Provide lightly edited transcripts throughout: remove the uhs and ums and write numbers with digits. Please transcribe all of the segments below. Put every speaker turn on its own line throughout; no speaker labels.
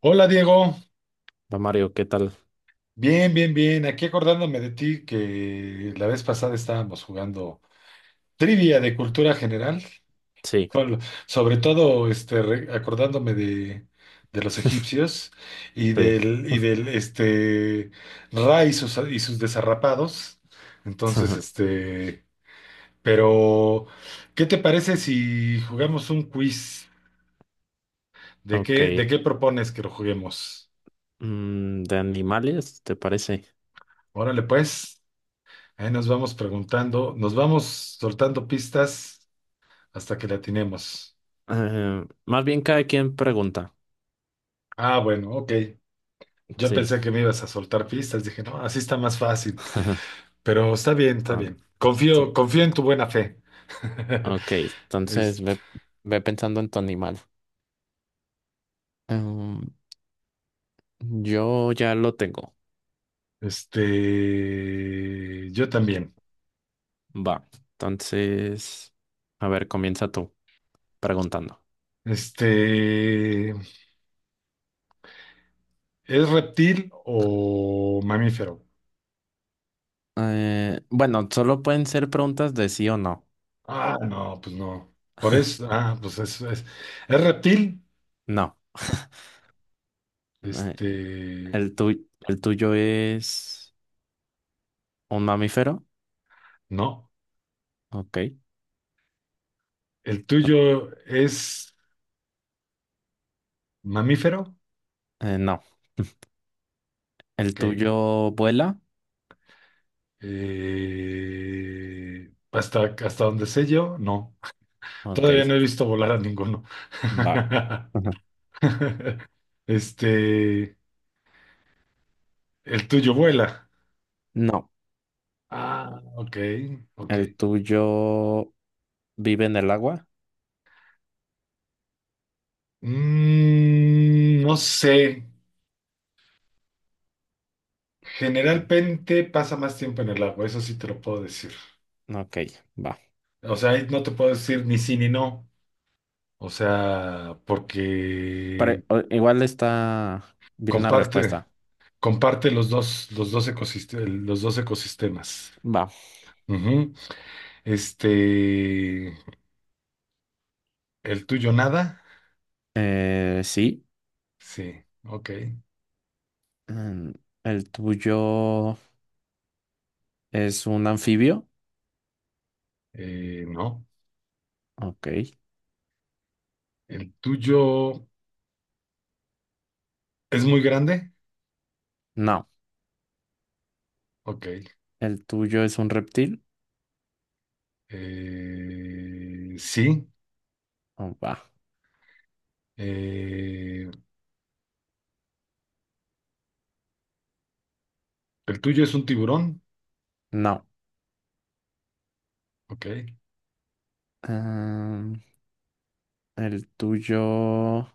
Hola Diego,
Va Mario, ¿qué tal?
bien, bien, bien. Aquí acordándome de ti que la vez pasada estábamos jugando trivia de cultura general,
Sí,
con- sobre todo acordándome de los egipcios
sí.
y del Ra y sus desarrapados. Entonces, este, pero, ¿Qué te parece si jugamos un quiz?
Ok.
¿De qué propones que lo juguemos?
¿De animales, te parece?
Órale, pues. Ahí nos vamos preguntando, nos vamos soltando pistas hasta que la atinemos.
Más bien cada quien pregunta.
Ah, bueno, ok. Yo
Sí.
pensé que me ibas a soltar pistas, dije, no, así está más fácil. Pero está bien, está
Ah,
bien.
tú-
Confío en tu buena fe.
Ok, entonces
Este,
ve, ve pensando en tu animal. Em, yo ya lo tengo.
yo también.
Va. Entonces, a ver, comienza tú preguntando.
Este, ¿es reptil o mamífero?
Bueno, solo pueden ser preguntas de sí o no.
Ah, no, pues no. Por eso, ah, ¿es reptil?
No. Eh,
Este,
El tuyo, el tuyo es un mamífero.
no.
Ok.
¿El
No,
tuyo es mamífero?
No. ¿El
Ok.
tuyo vuela?
Hasta donde sé yo, no.
Ok.
Todavía no he visto volar a ninguno.
Va. Ujú.
Este, el tuyo vuela.
No.
Ah, ok, ok.
¿El tuyo vive en el agua?
Mm, no sé.
Mm,
Generalmente pasa más tiempo en el agua, eso sí te lo puedo decir.
ok, va.
O sea, ahí no te puedo decir ni sí ni no. O sea,
Pero
porque
igual está bien la
comparte.
respuesta.
Comparte los dos ecosistemas, los dos ecosistemas.
Va.
Ujú. Este, el tuyo nada.
Sí.
Sí, ok.
Mm, ¿el tuyo es un anfibio?
No.
Ok.
El tuyo es muy grande.
No.
Ok.
¿El tuyo es un reptil?
Sí.
Oh, va.
Eh, el tuyo es un tiburón.
No.
Ok.
Em, ¿El tuyo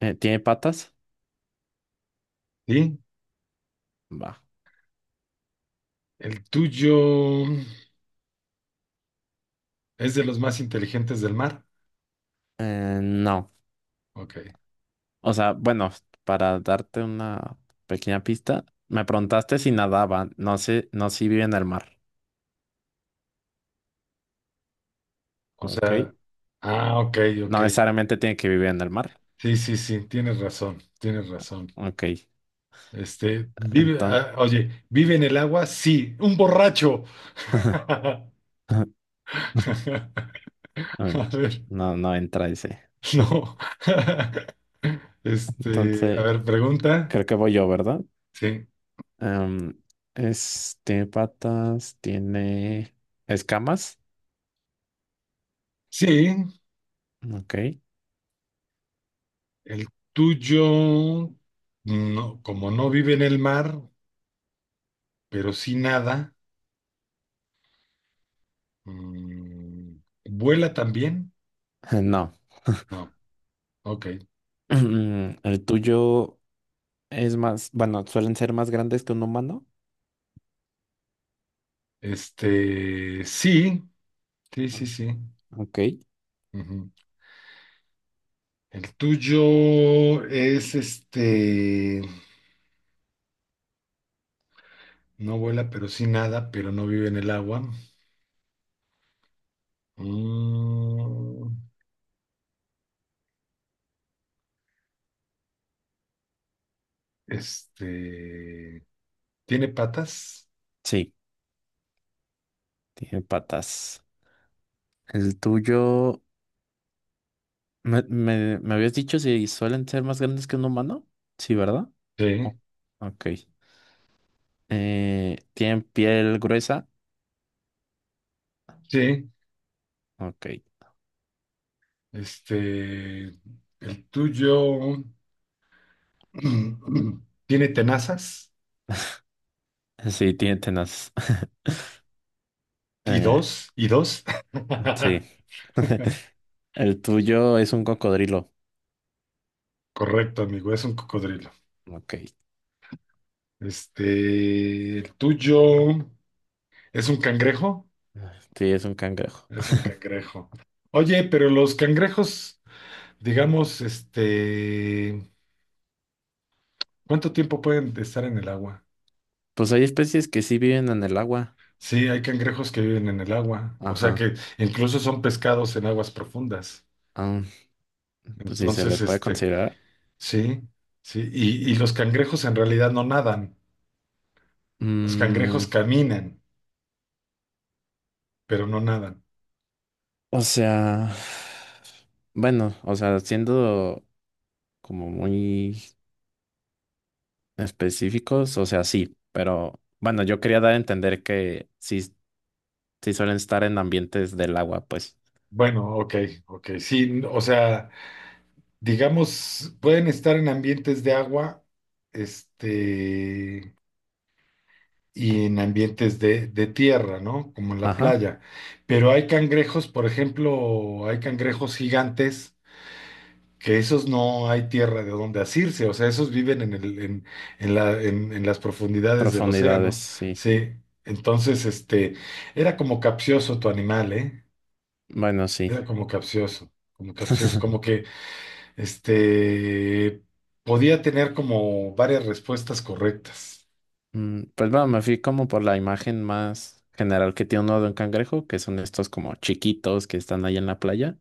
tiene patas?
Sí.
Va.
El tuyo es de los más inteligentes del mar.
No.
Ok.
O sea, bueno, para darte una pequeña pista, me preguntaste si nadaban, no sé, no si viven en el mar,
O
¿ok?
sea, ah, ok, ok.
No necesariamente tienen que vivir en el mar,
Sí, sí, sí, tienes razón, tienes razón.
¿ok?
Este,
Entonces,
oye, ¿vive en el agua? Sí, un borracho. A ver,
no, no entra ese.
no. Este, a
Entonces,
ver, pregunta.
creo que voy yo, ¿verdad?
Sí.
Em, es, tiene patas, tiene escamas,
Sí,
¿ok?
el tuyo, no, como no vive en el mar, pero sí nada, mm, ¿vuela también?
No.
No, ok.
El tuyo es más, bueno, suelen ser más grandes que un humano.
Este, sí, sí,
Ah,
sí, sí.
¿ok?
El tuyo es este, no vuela, pero sí nada, pero no vive en el agua. Mm, este, ¿tiene patas?
Sí. Tiene patas. El tuyo, me habías dicho si suelen ser más grandes que un humano. Sí, ¿verdad? Oh,
Sí,
ok. ¿Tienen piel gruesa?
sí.
Ok.
Este, el tuyo tiene tenazas
Sí, tiene tenaz. Eh,
y dos.
sí. El tuyo es un cocodrilo.
Correcto, amigo, es un cocodrilo.
Ok.
Este, el tuyo es un cangrejo.
Sí, es un cangrejo.
Es un cangrejo. Oye, pero los cangrejos, digamos, este, ¿cuánto tiempo pueden estar en el agua?
Pues hay especies que sí viven en el agua.
Sí, hay cangrejos que viven en el agua, o sea
Ajá.
que incluso son pescados en aguas profundas.
Ah, pues sí, se
Entonces,
les puede
este,
considerar.
sí, sí, y los cangrejos en realidad no nadan, los
Mm,
cangrejos caminan, pero no nadan.
o sea, bueno, o sea, siendo como muy específicos, o sea, sí, pero bueno, yo quería dar a entender que sí, sí suelen estar en ambientes del agua, pues.
Bueno, ok, ok, sí, o sea, digamos, pueden estar en ambientes de agua, este... y en ambientes de tierra, ¿no? Como en la
Ajá,
playa. Pero hay cangrejos, por ejemplo, hay cangrejos gigantes que esos no hay tierra de donde asirse, o sea, esos viven en el, en la, en las profundidades del
profundidades,
océano.
sí.
Sí, entonces, este, era como capcioso tu animal, ¿eh?
Bueno,
Era
sí.
como capcioso, como capcioso, como que, este, podía tener como varias respuestas correctas.
Mm, pues bueno, me fui como por la imagen más general que tiene uno de un cangrejo, que son estos como chiquitos que están ahí en la playa.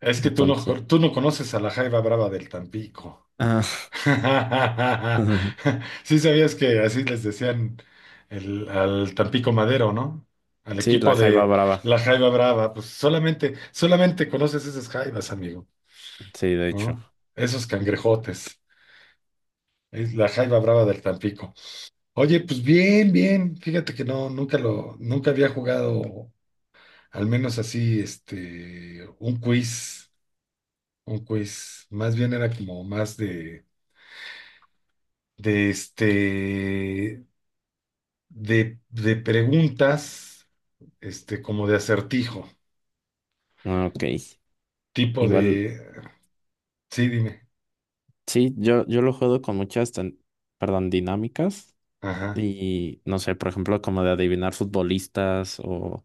Es que
Entonces,
tú no conoces a la jaiba brava del Tampico.
ah,
Sí sabías que así les decían al Tampico Madero, ¿no? Al
sí, la
equipo
jaiba
de
brava,
la Jaiba Brava, pues solamente, solamente conoces esas jaibas, amigo,
sí, de hecho.
¿no? Esos cangrejotes, es la Jaiba Brava del Tampico. Oye, pues bien, bien, fíjate que no, nunca había jugado, al menos así, este, un quiz, más bien era como más de de este de preguntas, este, como de acertijo,
Ah, ok.
tipo
Igual,
de, sí, dime,
sí, yo lo juego con muchas, perdón, dinámicas
ajá,
y no sé, por ejemplo, como de adivinar futbolistas o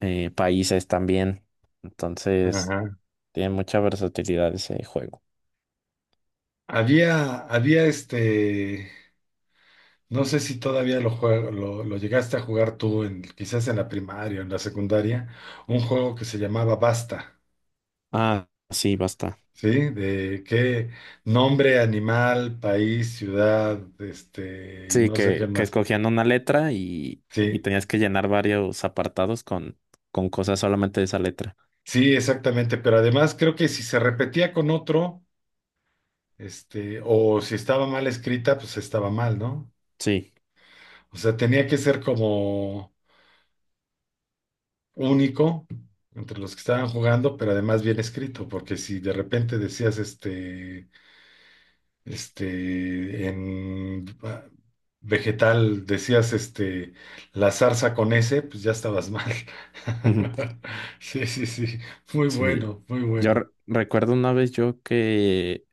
países también. Entonces,
ajá.
tiene mucha versatilidad ese juego.
Había este, no sé si todavía lo llegaste a jugar tú, en, quizás en la primaria, o en la secundaria, un juego que se llamaba Basta,
Ah, sí, basta.
¿sí? De qué nombre, animal, país, ciudad, este, y
Sí,
no sé qué
que
más.
escogían una letra y
Sí,
tenías que llenar varios apartados con cosas solamente de esa letra.
sí, exactamente, pero además creo que si se repetía con otro este, o si estaba mal escrita, pues estaba mal, ¿no?
Sí,
O sea, tenía que ser como único entre los que estaban jugando, pero además bien escrito, porque si de repente decías este, en ah, vegetal decías este, la zarza con ese, pues ya estabas mal. Sí, sí, sí, muy
sí.
bueno, muy
Yo
bueno.
recuerdo una vez yo que,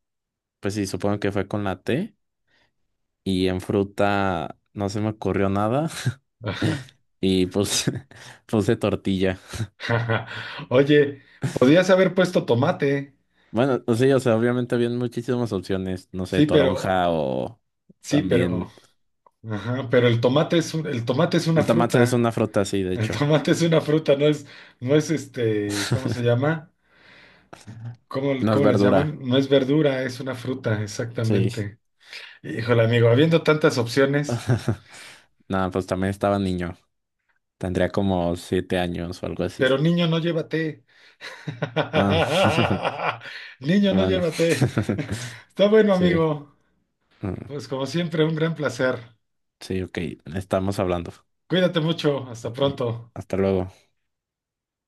pues sí, supongo que fue con la T. Y en fruta no se me ocurrió nada.
Ajá.
Y pues puse tortilla.
Oye, podías haber puesto tomate,
Bueno, o sí, o sea, obviamente habían muchísimas opciones. No sé,
sí, pero,
toronja o
sí, pero.
también.
Ajá, pero el tomate es una
El tomate es
fruta.
una fruta, sí, de
El
hecho.
tomate es una fruta, no es este, ¿cómo se llama?
No es
¿Cómo les
verdura.
llaman? No es verdura, es una fruta,
Sí.
exactamente. Híjole, amigo, habiendo tantas opciones,
Nada, pues también estaba niño. Tendría como 7 años o algo así.
pero niño, no llévate.
Ah,
Niño, no
bueno.
llévate. Está bueno,
Sí.
amigo.
Mm,
Pues como siempre, un gran placer.
sí, ok. Estamos hablando.
Cuídate mucho, hasta
Ok,
pronto.
hasta luego.